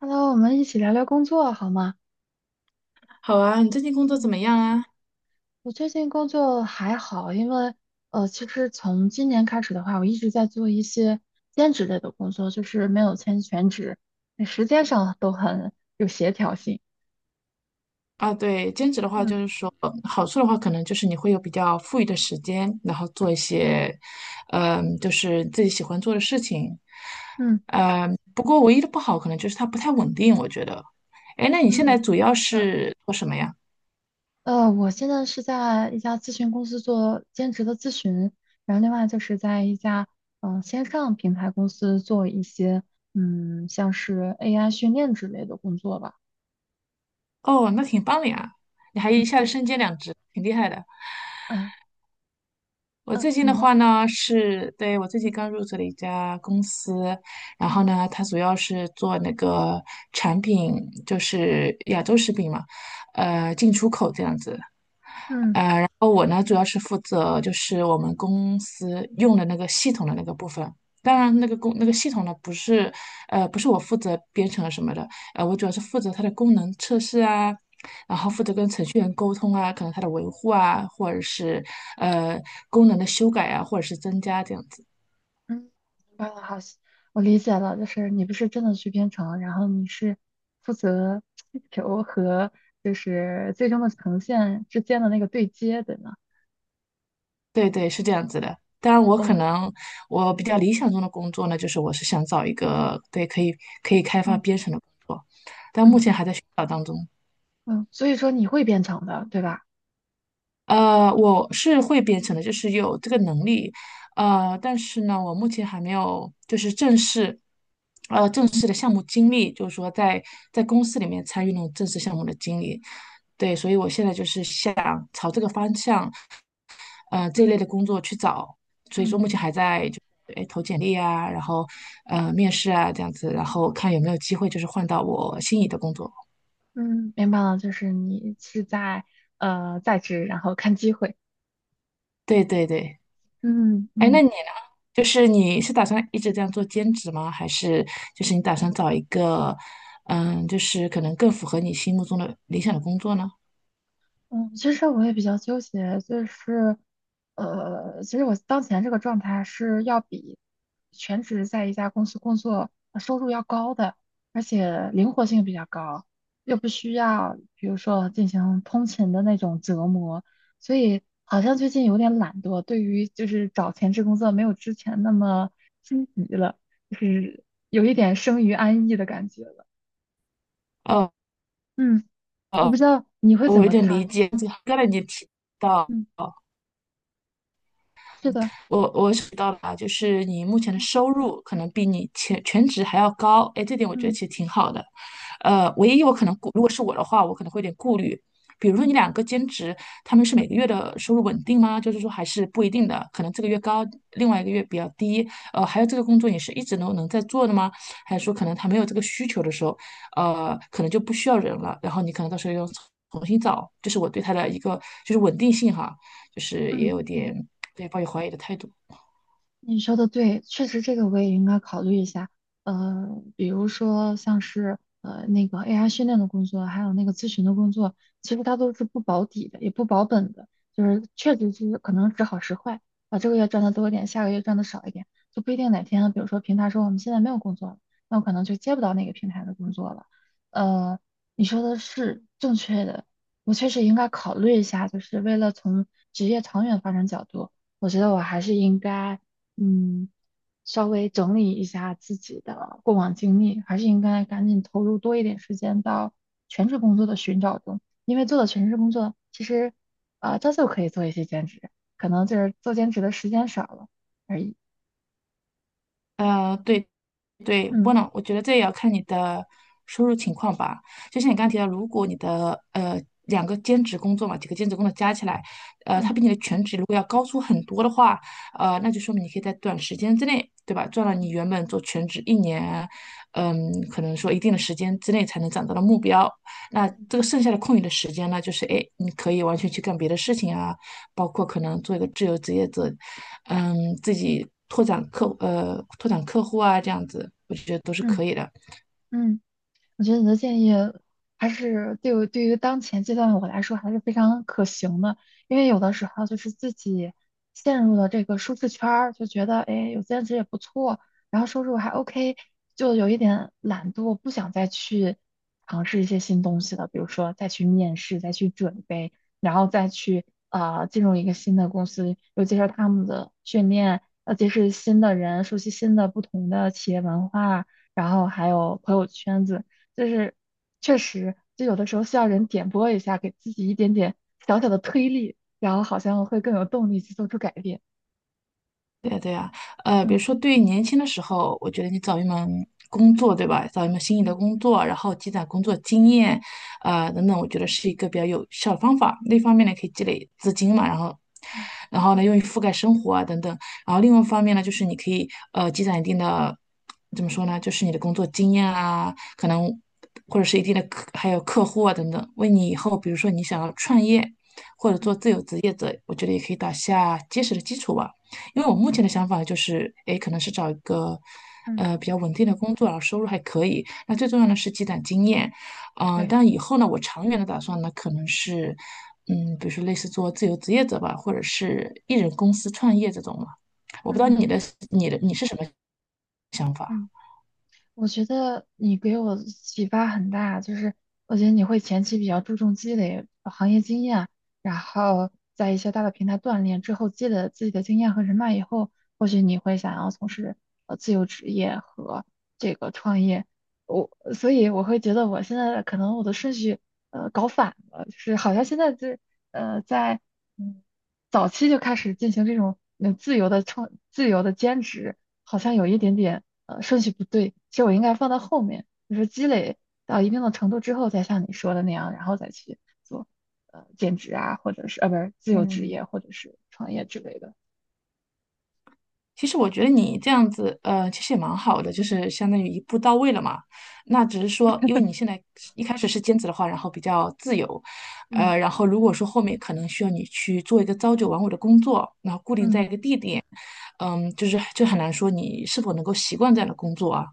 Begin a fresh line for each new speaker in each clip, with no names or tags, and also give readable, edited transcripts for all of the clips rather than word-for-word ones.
Hello，我们一起聊聊工作好吗？
好啊，你最近工作怎么
嗯。
样啊？
我最近工作还好，因为其实从今年开始的话，我一直在做一些兼职类的工作，就是没有签全职，那时间上都很有协调性。
啊，对，兼职的话就
嗯
是说，好处的话可能就是你会有比较富裕的时间，然后做一些，就是自己喜欢做的事情。
嗯，
不过唯一的不好可能就是它不太稳定，我觉得。哎，那你现在
嗯，
主要
是的，
是做什么呀？
我现在是在一家咨询公司做兼职的咨询，然后另外就是在一家线上平台公司做一些像是 AI 训练之类的工作吧。
哦，那挺棒的呀，你还
嗯，
一下
谢
子身
谢。
兼两职，挺厉害的。
嗯
我
嗯，
最近
你
的
呢？
话呢，我最近
嗯
刚入职了一家公司，然后呢，它主要是做那个产品，就是亚洲食品嘛，呃，进出口这样子。
嗯。
哦，我呢主要是负责就是我们公司用的那个系统的那个部分。当然，那个工那个系统呢，不是我负责编程什么的，我主要是负责它的功能测试啊，然后负责跟程序员沟通啊，可能它的维护啊，或者是呃功能的修改啊，或者是增加这样子。
嗯，明白了，好，我理解了，就是你不是真的去编程，然后你是负责需求和就是最终的呈现之间的那个对接的呢。
对对，是这样子的。当然，我可
哦，
能我比较理想中的工作呢，就是我是想找一个可以开发
嗯
编程的工作，但目
嗯
前还在寻找当中。
嗯，所以说你会编程的，对吧？
我是会编程的，就是有这个能力，但是呢，我目前还没有就是正式，正式的项目经历，就是说在公司里面参与那种正式项目的经历，对，所以我现在就是想朝这个方向，这一
嗯
类的工作去找，所以说
嗯
目前还在哎投简历啊，然后面试啊这样子，然后看有没有机会就是换到我心仪的工作，
嗯，明白了，就是你是在在职，然后看机会。
对对对。
嗯
哎，那
嗯。
你呢？就是你是打算一直这样做兼职吗？还是就是你打算找一个，就是可能更符合你心目中的理想的工作呢？
嗯，其实我也比较纠结，就是，其实我当前这个状态是要比全职在一家公司工作收入要高的，而且灵活性比较高，又不需要比如说进行通勤的那种折磨，所以好像最近有点懒惰，对于就是找全职工作没有之前那么心急了，就是有一点生于安逸的感觉了。
哦，
嗯，我不
哦，
知道你会怎
我有
么
点理
看？
解，刚才你提到。
嗯，是的，
我是知道吧，就是你目前的
嗯
收入可能比你全职还要高，哎，这点我觉得
嗯。
其实挺好的。唯一我可能如果是我的话，我可能会有点顾虑，比如说你
嗯
两个兼职，他们是每个月的收入稳定吗？就是说还是不一定的，可能这个月高，另外一个月比较低。还有这个工作你是一直能在做的吗？还是说可能他没有这个需求的时候，可能就不需要人了，然后你可能到时候又重新找，这是我对他的一个就是稳定性哈，就是也
嗯。
有点。对，抱有怀疑的态度。
你说的对，确实这个我也应该考虑一下。比如说像是那个 AI 训练的工作，还有那个咨询的工作，其实它都是不保底的，也不保本的，就是确实是可能时好时坏啊，这个月赚的多一点，下个月赚的少一点，就不一定哪天，比如说平台说我们现在没有工作了，那我可能就接不到那个平台的工作了。呃，你说的是正确的，我确实应该考虑一下，就是为了从职业长远发展角度。我觉得我还是应该，嗯，稍微整理一下自己的过往经历，还是应该赶紧投入多一点时间到全职工作的寻找中。因为做了全职工作，其实啊、照旧可以做一些兼职，可能就是做兼职的时间少了而已。
对对，不
嗯
能，我觉得这也要看你的收入情况吧。就像你刚刚提到，如果你的两个兼职工作嘛，几个兼职工作加起来，它
嗯
比你的全职如果要高出很多的话，那就说明你可以在短时间之内，对吧，赚了你
嗯
原本做全职一年，嗯，可能说一定的时间之内才能攒到的目标。那
嗯。嗯
这个剩下的空余的时间呢，就是哎，你可以完全去干别的事情啊，包括可能做一个自由职业者，嗯，自己拓展客户啊，这样子，我觉得都是
嗯。
可以的。
嗯我觉得你的建议还是对我对于当前阶段的我来说还是非常可行的，因为有的时候就是自己陷入了这个舒适圈儿，就觉得哎有兼职也不错，然后收入还 OK，就有一点懒惰，不想再去尝试一些新东西了，比如说再去面试，再去准备，然后再去进入一个新的公司，又接受他们的训练，结识新的人，熟悉新的不同的企业文化。然后还有朋友圈子，就是确实，就有的时候需要人点拨一下，给自己一点点小小的推力，然后好像会更有动力去做出改变。
对呀，对呀，比
嗯
如说对于年轻的时候，我觉得你找一门工作，对吧？找一门心仪的
嗯
工作，然后积攒工作经验，啊、等等，我觉得是一个比较有效的方法。那一方面呢，可以积累资金嘛，
嗯
然后呢，用于覆盖生活啊等等。然后另外一方面呢，就是你可以积攒一定的，怎么说呢？就是你的工作经验啊，可能或者是一定的客，还有客户啊等等，为你以后比如说你想要创业。或者做自
嗯
由职业者，我觉得也可以打下结实的基础吧。因为我目前
嗯
的想法就是，诶，可能是找一个
嗯
比较稳定的工作，然后收入还可以。那最重要的是积攒经验，
对。
但以后呢，我长远的打算呢，可能是比如说类似做自由职业者吧，或者是一人公司创业这种嘛。我不知道
嗯
你的你是什么想法？
嗯。我觉得你给我启发很大，就是我觉得你会前期比较注重积累行业经验，然后在一些大的平台锻炼之后，积累了自己的经验和人脉以后，或许你会想要从事自由职业和这个创业。所以我会觉得我现在可能我的顺序搞反了，就是好像现在这在嗯早期就开始进行这种自由的兼职，好像有一点点。顺序不对，其实我应该放到后面，就是积累到一定的程度之后，再像你说的那样，然后再去做兼职啊，或者是不是自由职
嗯，
业或者是创业之类的。
其实我觉得你这样子，其实也蛮好的，就是相当于一步到位了嘛。那只是说，因为你现在一开始是兼职的话，然后比较自由，
嗯
然后如果说后面可能需要你去做一个朝九晚五的工作，然后固定在
嗯
一个地点，就很难说你是否能够习惯这样的工作啊。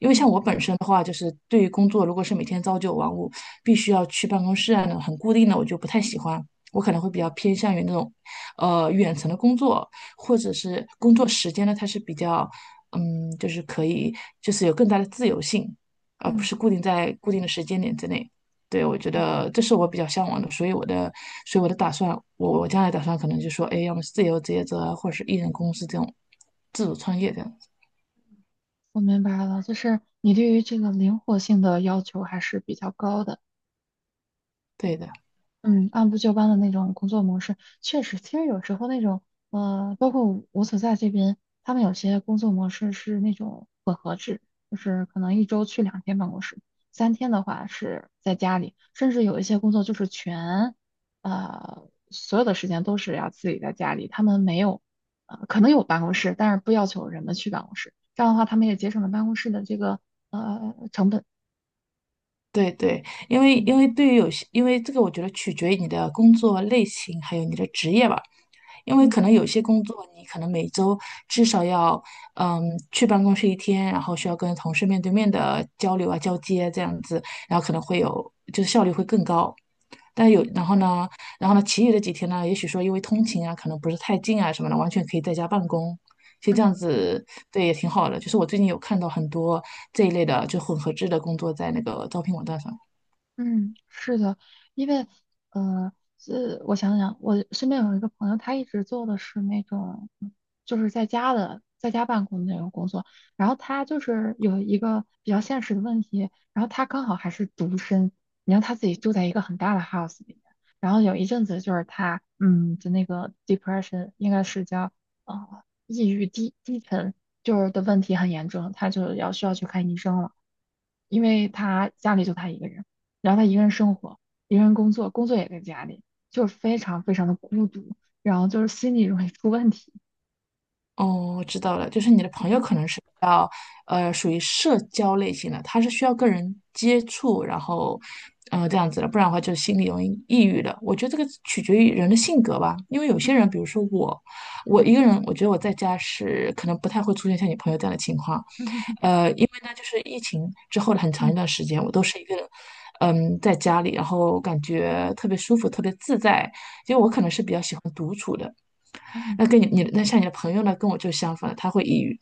因为
嗯
像我本身的话，就是对于工作，如果是每天朝九晚五，必须要去办公室啊，很固定的，我就不太喜欢。我可能会比较
嗯
偏向于那种，远程的工作，或者
嗯
是工作时间呢，它是比较，就是可以，就是有更大的自由性，而不
嗯
是固定在固定的时间点之内。对，我觉
嗯，
得这是我比较向往的，所以我的打算，我将来打算可能就说，哎，要么是自由职业者啊或者是艺人公司这种自主创业这样子。
我明白了，就是你对于这个灵活性的要求还是比较高的。
对的，
嗯，按部就班的那种工作模式，确实，其实有时候那种，包括我所在这边，他们有些工作模式是那种混合制，就是可能一周去两天办公室，三天的话是在家里，甚至有一些工作就是全，所有的时间都是要自己在家里，他们没有，可能有办公室，但是不要求人们去办公室，这样的话他们也节省了办公室的这个成本。
对对，因为
嗯
因为对于有些，因为这个我觉得取决于你的工作类型，还有你的职业吧。因为
嗯
可能有些工作你可能每周至少要嗯去办公室一天，然后需要跟同事面对面的交流啊、交接这样子，然后可能会有就是效率会更高。但有，
嗯
然后呢，然后呢，其余的几天呢，也许说因为通勤啊，可能不是太近啊什么的，完全可以在家办公。其实这样
嗯。
子，对，也挺好的。就是我最近有看到很多这一类的，就混合制的工作在那个招聘网站上。
嗯，是的，因为呃，我想想，我身边有一个朋友，他一直做的是那种，就是在家的，在家办公的那种工作。然后他就是有一个比较现实的问题，然后他刚好还是独身，然后他自己住在一个很大的 house 里面。然后有一阵子就是他，的那个 depression 应该是叫呃抑郁低沉，就是的问题很严重，他就要需要去看医生了，因为他家里就他一个人。然后他一个人生活，一个人工作，工作也在家里，就是非常非常的孤独，然后就是心理容易出问题，
哦，我知道了，就是你的朋友可能是比较，属于社交类型的，他是需要跟人接触，然后，这样子的，不然的话就心里容易抑郁的。我觉得这个取决于人的性格吧，因为有些人，
嗯
比如说我，我一个
嗯
人，我觉得我在家是可能不太会出现像你朋友这样的情况，
嗯
因为呢，就是疫情之后的很长一
嗯
段时间，我都是一个人，在家里，然后感觉特别舒服，特别自在，因为我
嗯
可能是比较喜欢。独。
嗯
那跟你你那像你的朋友呢，跟我就相反了他会抑郁。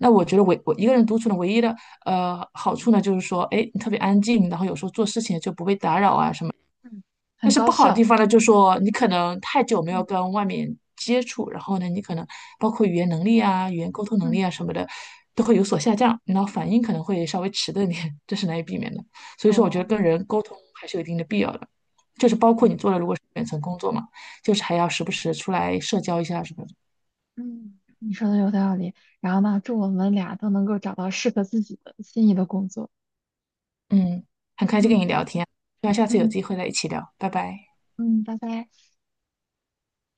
那我觉得我一个人独处的唯一的好处呢，就是说，哎，你特别安静，然后有时候做事情就不被打扰啊什么。
嗯
但
很
是
高
不好的地
效。
方呢，就是说你可能太久没有
嗯
跟外面接触，然后呢，你可能包括语言能力啊、语言沟通能力
嗯
啊什么的，都会有所下降，然后反应可能会稍微迟钝一点，这是难以避免的。所以说，我觉得
哦，
跟人沟通还是有一定的必要的，就是包括
嗯
你做了如果是远程工作嘛，就是还要时不时出来社交一下什么的
嗯，你说的有道理。然后呢，祝我们俩都能够找到适合自己的心仪的工作。
嗯，很开心跟
嗯
你聊天，希望下次有
嗯
机会再一起聊，拜拜。
嗯，拜拜。